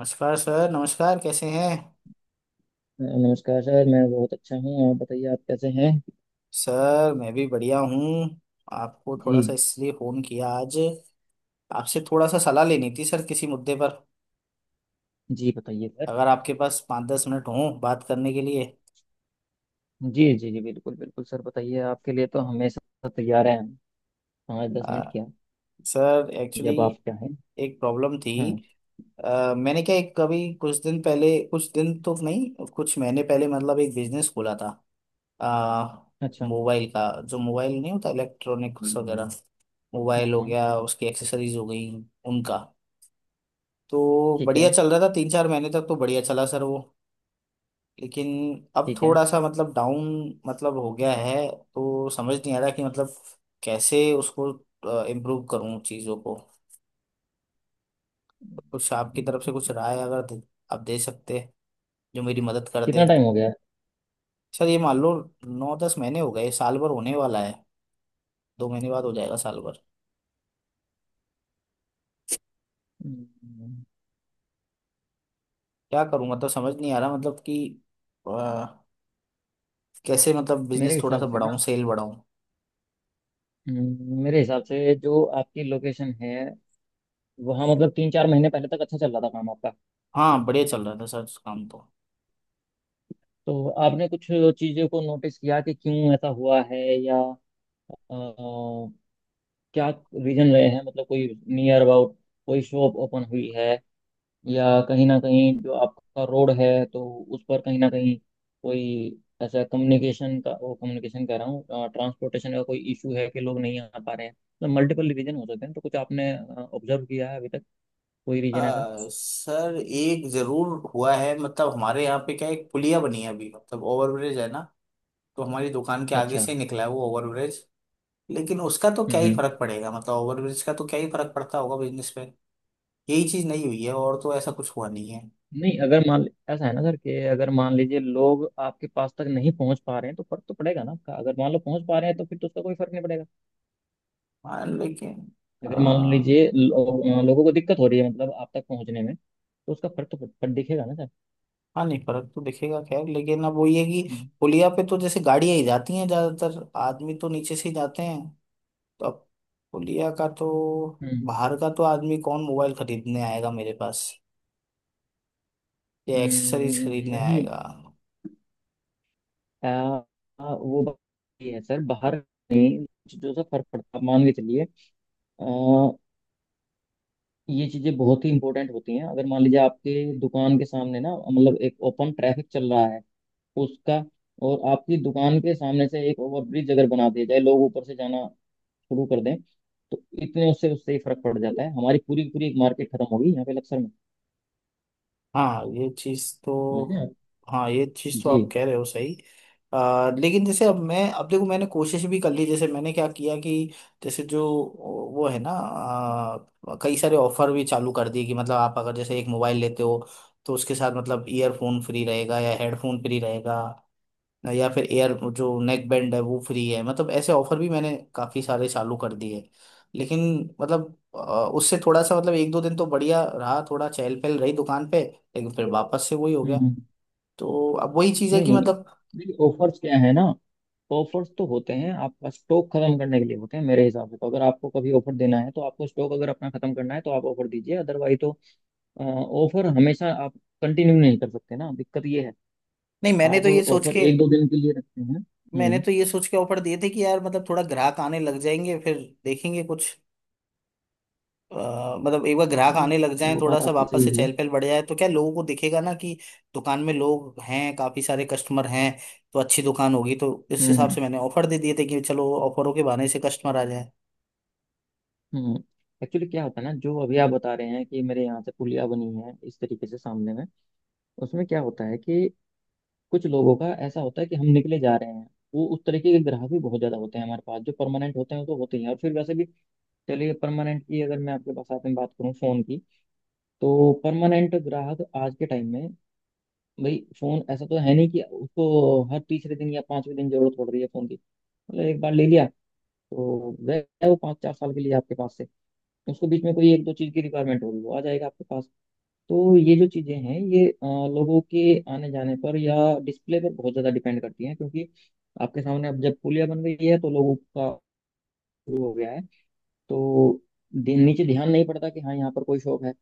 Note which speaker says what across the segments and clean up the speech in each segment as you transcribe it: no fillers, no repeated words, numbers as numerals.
Speaker 1: नमस्कार सर। नमस्कार, कैसे हैं।
Speaker 2: नमस्कार सर, मैं बहुत अच्छा हूँ। आप बताइए, आप कैसे हैं।
Speaker 1: सर मैं भी बढ़िया हूँ। आपको
Speaker 2: जी,
Speaker 1: थोड़ा सा इसलिए फ़ोन किया आज। आपसे थोड़ा सा सलाह लेनी थी सर किसी मुद्दे पर।
Speaker 2: जी बताइए सर।
Speaker 1: अगर आपके पास 5-10 मिनट हों बात करने के लिए।
Speaker 2: जी जी जी बिल्कुल बिल्कुल सर, बताइए। आपके लिए तो हमेशा तैयार हैं हम। पाँच दस
Speaker 1: आ,
Speaker 2: मिनट क्या,
Speaker 1: सर एक्चुअली
Speaker 2: जब आप चाहें।
Speaker 1: एक प्रॉब्लम थी।
Speaker 2: हम्म।
Speaker 1: मैंने क्या एक कभी कुछ दिन पहले, कुछ दिन तो नहीं कुछ महीने पहले, मतलब एक बिजनेस खोला था। आ,
Speaker 2: अच्छा।
Speaker 1: मोबाइल का। जो मोबाइल नहीं होता इलेक्ट्रॉनिक्स वगैरह।
Speaker 2: हाँ
Speaker 1: मोबाइल हो
Speaker 2: हाँ।
Speaker 1: गया, उसकी एक्सेसरीज हो गई उनका। तो
Speaker 2: ठीक
Speaker 1: बढ़िया
Speaker 2: है।
Speaker 1: चल रहा था, 3-4 महीने तक तो बढ़िया चला सर वो। लेकिन अब
Speaker 2: ठीक है।
Speaker 1: थोड़ा सा मतलब डाउन मतलब हो गया है। तो समझ नहीं आ रहा कि मतलब कैसे उसको इम्प्रूव करूं चीज़ों को। कुछ आपकी तरफ से कुछ राय अगर दे, आप दे सकते हैं, जो मेरी मदद कर दे।
Speaker 2: कितना टाइम हो गया।
Speaker 1: सर ये मान लो 9-10 महीने हो गए, साल भर होने वाला है। 2 महीने बाद हो जाएगा साल भर।
Speaker 2: हम्म,
Speaker 1: क्या करूं मतलब समझ नहीं आ रहा मतलब कि अ, कैसे मतलब
Speaker 2: मेरे
Speaker 1: बिजनेस थोड़ा सा
Speaker 2: हिसाब से
Speaker 1: बढ़ाऊं,
Speaker 2: ना,
Speaker 1: सेल बढ़ाऊं।
Speaker 2: मेरे हिसाब से जो आपकी लोकेशन है वहाँ, मतलब 3 4 महीने पहले तक अच्छा चल रहा था काम आपका।
Speaker 1: हाँ बढ़िया चल रहा था सर काम तो।
Speaker 2: तो आपने कुछ चीज़ों को नोटिस किया कि क्यों ऐसा हुआ है, या अ, क्या रीजन रहे हैं। मतलब कोई नियर अबाउट कोई शॉप ओपन हुई है, या कहीं ना कहीं जो आपका रोड है तो उस पर कहीं ना कहीं कोई ऐसा कम्युनिकेशन का, वो कम्युनिकेशन कह रहा हूँ ट्रांसपोर्टेशन का, कोई इशू है कि लोग नहीं आ पा रहे हैं। मतलब मल्टीपल रीजन हो सकते हैं। तो कुछ आपने ऑब्जर्व किया है अभी तक कोई रीजन ऐसा।
Speaker 1: अ, सर एक जरूर हुआ है। मतलब हमारे यहाँ पे क्या है, एक पुलिया बनी है अभी, मतलब ओवरब्रिज है ना। तो हमारी दुकान के आगे
Speaker 2: अच्छा।
Speaker 1: से ही निकला है वो ओवरब्रिज। लेकिन उसका तो क्या ही
Speaker 2: हम्म।
Speaker 1: फर्क पड़ेगा, मतलब ओवरब्रिज का तो क्या ही फर्क पड़ता होगा बिजनेस पे। यही चीज नहीं हुई है, और तो ऐसा कुछ हुआ नहीं है।
Speaker 2: नहीं, अगर मान ऐसा है ना सर कि अगर मान लीजिए लोग आपके पास तक नहीं पहुंच पा रहे हैं तो फर्क तो पड़ेगा ना आपका। अगर मान लो पहुंच पा रहे हैं तो फिर तो उसका कोई फर्क नहीं पड़ेगा।
Speaker 1: हाँ लेकिन
Speaker 2: अगर मान
Speaker 1: हाँ
Speaker 2: लीजिए लोगों को दिक्कत हो रही है मतलब आप तक पहुंचने में, तो उसका फर्क तो फट दिखेगा ना सर।
Speaker 1: नहीं फर्क तो दिखेगा खैर, लेकिन अब वो ये कि
Speaker 2: हम्म।
Speaker 1: पुलिया पे तो जैसे गाड़ियां ही जाती हैं, ज्यादातर आदमी तो नीचे से ही जाते हैं। तो अब तौलिया का तो
Speaker 2: हम्म।
Speaker 1: बाहर का तो आदमी कौन मोबाइल खरीदने आएगा मेरे पास, या एक्सेसरीज
Speaker 2: हम्म।
Speaker 1: खरीदने
Speaker 2: नहीं।
Speaker 1: आएगा।
Speaker 2: आ, आ, वो बात ये है सर। बाहर नहीं चीजों से फर्क पड़ता है, मान के चलिए। आ, ये चीजें बहुत ही इंपॉर्टेंट होती हैं। अगर मान लीजिए आपके दुकान के सामने ना, मतलब एक ओपन ट्रैफिक चल रहा है उसका, और आपकी दुकान के सामने से एक ओवरब्रिज अगर बना दिया जाए, लोग ऊपर से जाना शुरू कर दें, तो इतने उससे उससे ही फर्क पड़ जाता है। हमारी पूरी की पूरी एक मार्केट खत्म होगी यहाँ पे लक्सर में।
Speaker 1: हाँ ये चीज तो।
Speaker 2: समझे आप।
Speaker 1: हाँ ये चीज तो
Speaker 2: जी।
Speaker 1: आप कह रहे हो सही। लेकिन जैसे अब मैं अब देखो मैंने कोशिश भी कर ली। जैसे मैंने क्या किया कि जैसे जो वो है ना कई सारे ऑफर भी चालू कर दिए कि मतलब आप अगर जैसे एक मोबाइल लेते हो तो उसके साथ मतलब ईयरफोन फ्री रहेगा या हेडफोन फ्री रहेगा, या फिर एयर जो नेक बैंड है वो फ्री है। मतलब ऐसे ऑफर भी मैंने काफी सारे चालू कर दिए। लेकिन मतलब उससे थोड़ा सा मतलब 1-2 दिन तो बढ़िया रहा, थोड़ा चहल पहल रही दुकान पे, लेकिन फिर वापस से वही हो
Speaker 2: हम्म
Speaker 1: गया।
Speaker 2: हम्म।
Speaker 1: तो अब वही चीज़ है
Speaker 2: नहीं
Speaker 1: कि
Speaker 2: नहीं,
Speaker 1: मतलब
Speaker 2: देखिए ऑफर्स क्या है ना, ऑफर्स तो होते हैं आपका स्टॉक खत्म करने के लिए होते हैं। मेरे हिसाब से तो अगर आपको कभी ऑफर देना है, तो आपको स्टॉक अगर अपना खत्म करना है तो आप ऑफर दीजिए, अदरवाइज तो ऑफर हमेशा आप कंटिन्यू नहीं कर सकते ना। दिक्कत ये है
Speaker 1: नहीं मैंने
Speaker 2: आप
Speaker 1: तो ये सोच
Speaker 2: ऑफर
Speaker 1: के,
Speaker 2: 1 2 दिन के लिए रखते हैं।
Speaker 1: मैंने
Speaker 2: हम्म।
Speaker 1: तो ये सोच के ऑफर दिए थे कि यार मतलब थोड़ा ग्राहक आने लग जाएंगे फिर देखेंगे कुछ। अ, मतलब एक बार ग्राहक
Speaker 2: नहीं,
Speaker 1: आने लग जाए,
Speaker 2: वो
Speaker 1: थोड़ा
Speaker 2: बात
Speaker 1: सा
Speaker 2: आपकी
Speaker 1: वापस
Speaker 2: सही
Speaker 1: से
Speaker 2: है।
Speaker 1: चहल पहल बढ़ जाए, तो क्या लोगों को दिखेगा ना कि दुकान में लोग हैं, काफी सारे कस्टमर हैं, तो अच्छी दुकान होगी। तो इस
Speaker 2: हम्म
Speaker 1: हिसाब
Speaker 2: हम्म।
Speaker 1: से मैंने ऑफर दे दिए थे कि चलो ऑफरों के बहाने से कस्टमर आ जाए।
Speaker 2: हम्म। एक्चुअली क्या होता है ना, जो अभी आप बता रहे हैं कि मेरे यहाँ से पुलिया बनी है इस तरीके से सामने में, उसमें क्या होता है कि कुछ लोगों का ऐसा होता है कि हम निकले जा रहे हैं। वो उस तरीके के ग्राहक भी बहुत ज्यादा होते हैं हमारे पास। जो परमानेंट होते हैं वो तो होते ही हैं, और फिर वैसे भी चलिए, परमानेंट की अगर मैं आपके पास आते में बात करूँ फोन की, तो परमानेंट ग्राहक आज के टाइम में, भाई फोन ऐसा तो है नहीं कि उसको हर तीसरे दिन या पांचवें दिन जरूरत पड़ रही है फोन की। मतलब एक बार ले लिया तो गए वो 5 4 साल के लिए आपके पास। उसको बीच में कोई एक दो चीज की रिक्वायरमेंट होगी वो आ जाएगा आपके पास। तो ये जो चीजें हैं ये लोगों के आने जाने पर या डिस्प्ले पर बहुत ज्यादा डिपेंड करती हैं, क्योंकि आपके सामने अब जब पुलिया बन गई है तो लोगों का शुरू हो गया है, तो नीचे ध्यान नहीं पड़ता कि हाँ यहाँ पर कोई शॉप है।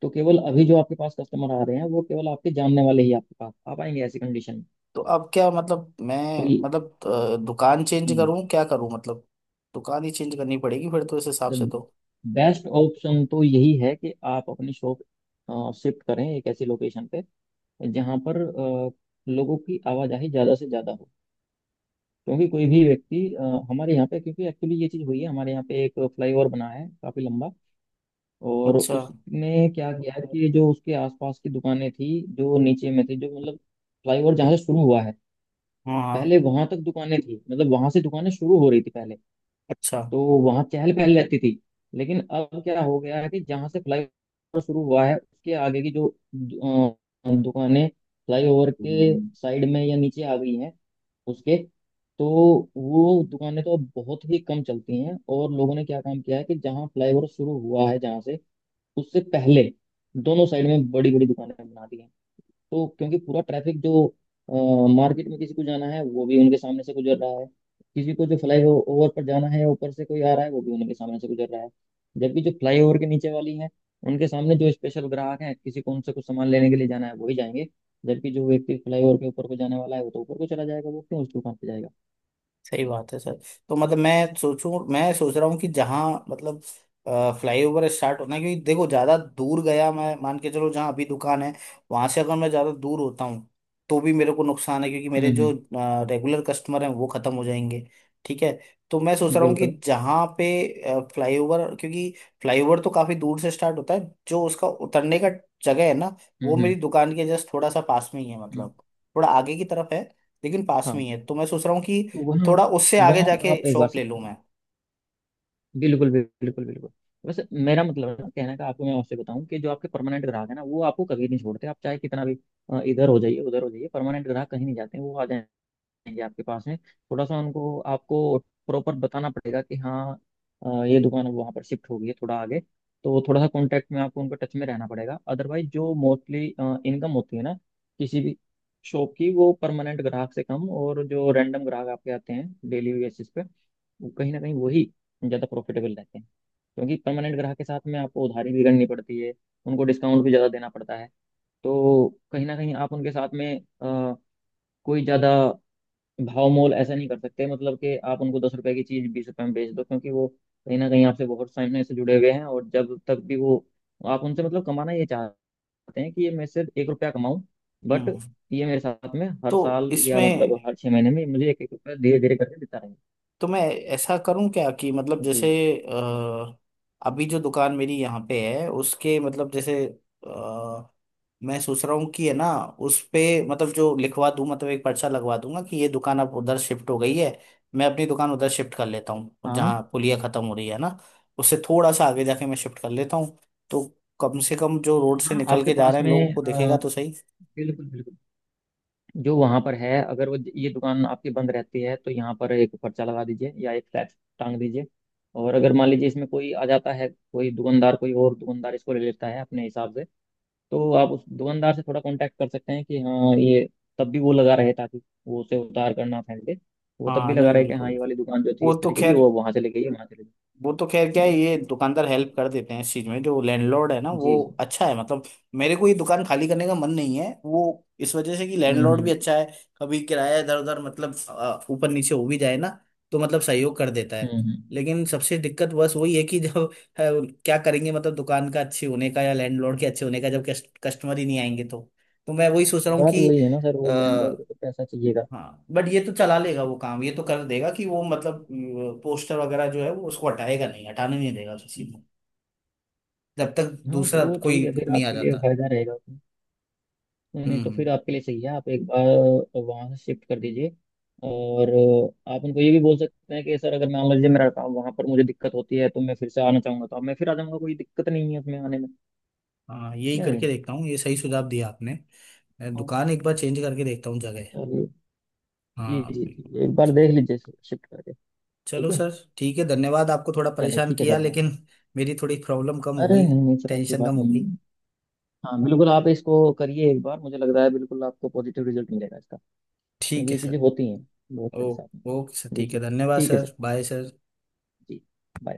Speaker 2: तो केवल अभी जो आपके पास कस्टमर आ रहे हैं वो केवल आपके जानने वाले ही आपके पास आ पाएंगे ऐसी कंडीशन में।
Speaker 1: तो अब क्या मतलब मैं
Speaker 2: कोई
Speaker 1: मतलब दुकान चेंज करूं, क्या करूं मतलब। दुकान ही चेंज करनी पड़ेगी फिर तो इस हिसाब से तो।
Speaker 2: बेस्ट ऑप्शन तो best option तो यही है कि आप अपनी शॉप शिफ्ट करें एक ऐसी लोकेशन पे जहाँ पर लोगों की आवाजाही ज़्यादा से ज़्यादा हो। क्योंकि कोई भी व्यक्ति हमारे यहाँ पे, क्योंकि एक्चुअली ये चीज़ हुई है हमारे यहाँ पे एक फ्लाईओवर बना है काफ़ी लंबा, और
Speaker 1: अच्छा।
Speaker 2: उसने क्या किया है कि जो उसके आसपास की दुकानें थी जो नीचे में थी, जो मतलब फ्लाईओवर जहाँ से शुरू हुआ है,
Speaker 1: हाँ हाँ।
Speaker 2: पहले वहां तक दुकानें थी मतलब वहां से दुकानें शुरू हो रही थी पहले,
Speaker 1: अच्छा।
Speaker 2: तो वहां चहल पहल रहती थी। लेकिन अब क्या हो गया है कि जहां से फ्लाईओवर शुरू हुआ है उसके आगे की जो दु- दुकानें फ्लाईओवर के साइड में या नीचे आ गई हैं उसके, तो वो दुकानें तो अब बहुत ही कम चलती हैं। और लोगों ने क्या काम किया है कि जहाँ फ्लाईओवर शुरू हुआ है जहाँ से, उससे पहले दोनों साइड में बड़ी बड़ी दुकानें बना दी हैं। तो क्योंकि पूरा ट्रैफिक जो मार्केट में किसी को जाना है वो भी उनके सामने से गुजर रहा है, किसी को जो फ्लाई ओवर पर जाना है ऊपर से कोई आ रहा है वो भी उनके सामने से गुजर रहा है, जबकि जो फ्लाई ओवर के नीचे वाली है उनके सामने जो स्पेशल ग्राहक है किसी को उनसे कुछ सामान लेने के लिए जाना है वही जाएंगे, जबकि जो व्यक्ति फ्लाई ओवर के ऊपर को जाने वाला है वो तो ऊपर को चला जाएगा। वो क्यों उस दुकान पे जाएगा।
Speaker 1: सही बात है सर। तो मतलब मैं सोचूं, मैं सोच रहा हूँ कि जहाँ मतलब फ्लाईओवर स्टार्ट होना है, क्योंकि देखो ज्यादा दूर गया मैं मान के चलो, जहाँ अभी दुकान है वहां से अगर मैं ज्यादा दूर होता हूँ तो भी मेरे को नुकसान है, क्योंकि मेरे जो
Speaker 2: हम्म।
Speaker 1: रेगुलर कस्टमर हैं वो खत्म हो जाएंगे। ठीक है। तो मैं सोच रहा हूँ कि
Speaker 2: बिल्कुल।
Speaker 1: जहाँ पे फ्लाईओवर, क्योंकि फ्लाईओवर तो काफी दूर से स्टार्ट होता है, जो उसका उतरने का जगह है ना,
Speaker 2: हम्म।
Speaker 1: वो मेरी
Speaker 2: हम्म।
Speaker 1: दुकान के जस्ट थोड़ा सा पास में ही है।
Speaker 2: हम्म।
Speaker 1: मतलब थोड़ा आगे की तरफ है, लेकिन पास
Speaker 2: हाँ,
Speaker 1: में ही है। तो मैं सोच रहा हूँ कि
Speaker 2: तो वहाँ
Speaker 1: थोड़ा उससे आगे
Speaker 2: वहाँ
Speaker 1: जाके
Speaker 2: आप एक बार
Speaker 1: शॉप
Speaker 2: से,
Speaker 1: ले लूँ मैं।
Speaker 2: बिल्कुल बिल्कुल बिल्कुल। बस मेरा मतलब है ना कहने का, आपको मैं आपसे बताऊं कि जो आपके परमानेंट ग्राहक है ना वो आपको कभी नहीं छोड़ते। आप चाहे कितना भी इधर हो जाइए उधर हो जाइए, परमानेंट ग्राहक कहीं नहीं जाते हैं, वो आ जाएंगे आपके पास में। थोड़ा सा उनको आपको प्रॉपर बताना पड़ेगा कि हाँ ये दुकान अब वहाँ पर शिफ्ट हो गई है थोड़ा आगे। तो थोड़ा सा कॉन्टेक्ट में आपको उनका टच में रहना पड़ेगा, अदरवाइज जो मोस्टली इनकम होती है ना किसी भी शॉप की वो परमानेंट ग्राहक से कम, और जो रैंडम ग्राहक आपके आते हैं डेली बेसिस पे, वो कहीं ना कहीं वही ज़्यादा प्रॉफिटेबल रहते हैं। क्योंकि परमानेंट ग्राहक के साथ में आपको उधारी भी करनी पड़ती है, उनको डिस्काउंट भी ज़्यादा देना पड़ता है। तो कहीं ना कहीं आप उनके साथ में कोई ज़्यादा भाव मोल ऐसा नहीं कर सकते, मतलब कि आप उनको 10 रुपए की चीज़ 20 रुपए में बेच दो, क्योंकि वो कहीं ना कहीं आपसे बहुत समय से जुड़े हुए हैं। और जब तक भी वो, आप उनसे मतलब कमाना ये चाहते हैं कि ये मैं सिर्फ 1 रुपया कमाऊं, बट
Speaker 1: हम्म,
Speaker 2: ये मेरे साथ में हर
Speaker 1: तो
Speaker 2: साल या मतलब
Speaker 1: इसमें
Speaker 2: हर 6 महीने में मुझे एक एक रुपया धीरे धीरे करके देता रहे।
Speaker 1: तो मैं ऐसा करूँ क्या कि मतलब
Speaker 2: जी।
Speaker 1: जैसे अ, अभी जो दुकान मेरी यहाँ पे है उसके मतलब जैसे अ, मैं सोच रहा हूँ कि है ना उस पे मतलब जो लिखवा दूँ, मतलब एक पर्चा लगवा दूंगा कि ये दुकान अब उधर शिफ्ट हो गई है। मैं अपनी दुकान उधर शिफ्ट कर लेता हूँ
Speaker 2: हाँ
Speaker 1: जहाँ पुलिया खत्म हो रही है ना, उससे थोड़ा सा आगे जाके मैं शिफ्ट कर लेता हूँ। तो कम से कम जो रोड से
Speaker 2: हाँ,
Speaker 1: निकल
Speaker 2: आपके
Speaker 1: के जा
Speaker 2: पास
Speaker 1: रहे हैं,
Speaker 2: में
Speaker 1: लोगों को दिखेगा तो सही।
Speaker 2: बिल्कुल बिल्कुल। जो वहाँ पर है, अगर वो ये दुकान आपकी बंद रहती है तो यहाँ पर एक पर्चा लगा दीजिए या एक फ्लैग टांग दीजिए। और अगर मान लीजिए इसमें कोई आ जाता है कोई दुकानदार, कोई और दुकानदार इसको ले लेता है अपने हिसाब से, तो आप उस दुकानदार से थोड़ा कांटेक्ट कर सकते हैं कि हाँ ये तब भी वो लगा रहे, ताकि वो उसे उतार कर ना फेंक दे। वो तब भी
Speaker 1: हाँ
Speaker 2: लगा
Speaker 1: नहीं
Speaker 2: रहे कि हाँ
Speaker 1: बिल्कुल।
Speaker 2: ये वाली दुकान जो थी
Speaker 1: वो
Speaker 2: इस
Speaker 1: तो
Speaker 2: तरीके की
Speaker 1: खैर,
Speaker 2: वो वहाँ से ले गई है, वहाँ से ले गई।
Speaker 1: वो तो खैर क्या है,
Speaker 2: बस।
Speaker 1: ये दुकानदार हेल्प कर देते हैं इस चीज में, जो लैंडलॉर्ड है ना वो
Speaker 2: जी जी।
Speaker 1: अच्छा है। मतलब मेरे को ये दुकान खाली करने का मन नहीं है वो, इस वजह से कि लैंडलॉर्ड भी
Speaker 2: हम्म।
Speaker 1: अच्छा है। कभी किराया इधर उधर मतलब ऊपर नीचे हो भी जाए ना, तो मतलब सहयोग कर देता है।
Speaker 2: हम्म हम्म।
Speaker 1: लेकिन सबसे दिक्कत बस वही है कि जब क्या करेंगे मतलब दुकान का अच्छे होने का या लैंडलॉर्ड के अच्छे होने का, जब कस्ट, कस्टमर ही नहीं आएंगे तो। तो मैं वही सोच रहा हूँ
Speaker 2: बात
Speaker 1: कि
Speaker 2: वही है ना सर, वो लैंडलॉर्ड को तो पैसा चाहिएगा।
Speaker 1: हाँ, बट ये तो चला लेगा वो काम, ये तो कर देगा कि वो मतलब पोस्टर वगैरह जो है वो उसको हटाएगा नहीं, हटाने नहीं देगा किसी को जब तक
Speaker 2: हाँ, तो
Speaker 1: दूसरा
Speaker 2: वो
Speaker 1: कोई
Speaker 2: ठीक है फिर
Speaker 1: नहीं आ
Speaker 2: आपके लिए
Speaker 1: जाता।
Speaker 2: फायदा रहेगा उसमें। नहीं
Speaker 1: हम्म,
Speaker 2: नहीं, तो फिर आपके लिए सही है, आप एक बार वहाँ से शिफ्ट कर दीजिए। और आप उनको ये भी बोल सकते हैं कि सर अगर मान लीजिए मेरा काम वहाँ पर मुझे दिक्कत होती है तो मैं फिर से आना चाहूंगा, तो अब मैं फिर आ जाऊंगा, कोई दिक्कत नहीं है उसमें आने में,
Speaker 1: हाँ यही
Speaker 2: या
Speaker 1: करके
Speaker 2: नहीं।
Speaker 1: देखता हूँ, ये सही सुझाव दिया आपने। मैं
Speaker 2: हाँ,
Speaker 1: दुकान एक बार चेंज करके देखता हूँ जगह।
Speaker 2: चलिए। जी
Speaker 1: हाँ
Speaker 2: जी
Speaker 1: बिल्कुल
Speaker 2: जी, एक बार
Speaker 1: बिल्कुल।
Speaker 2: देख लीजिए शिफ्ट करके।
Speaker 1: चलो
Speaker 2: ठीक है।
Speaker 1: सर ठीक है, धन्यवाद। आपको थोड़ा
Speaker 2: चलिए,
Speaker 1: परेशान
Speaker 2: ठीक है
Speaker 1: किया
Speaker 2: सर। हाँ,
Speaker 1: लेकिन मेरी थोड़ी प्रॉब्लम कम हो
Speaker 2: अरे
Speaker 1: गई,
Speaker 2: नहीं नहीं सर, ऐसी
Speaker 1: टेंशन कम
Speaker 2: बात
Speaker 1: हो
Speaker 2: नहीं
Speaker 1: गई।
Speaker 2: है। हाँ बिल्कुल, आप इसको करिए एक बार, मुझे लग रहा है बिल्कुल आपको पॉजिटिव रिजल्ट मिलेगा इसका।
Speaker 1: ठीक
Speaker 2: क्योंकि
Speaker 1: है
Speaker 2: ये
Speaker 1: सर।
Speaker 2: चीज़ें होती हैं बहुत
Speaker 1: ओ,
Speaker 2: सारे साथ में।
Speaker 1: ओके सर
Speaker 2: जी
Speaker 1: ठीक
Speaker 2: जी।
Speaker 1: है, धन्यवाद
Speaker 2: ठीक है sir.
Speaker 1: Sir, bye sir.
Speaker 2: Ji. Bye.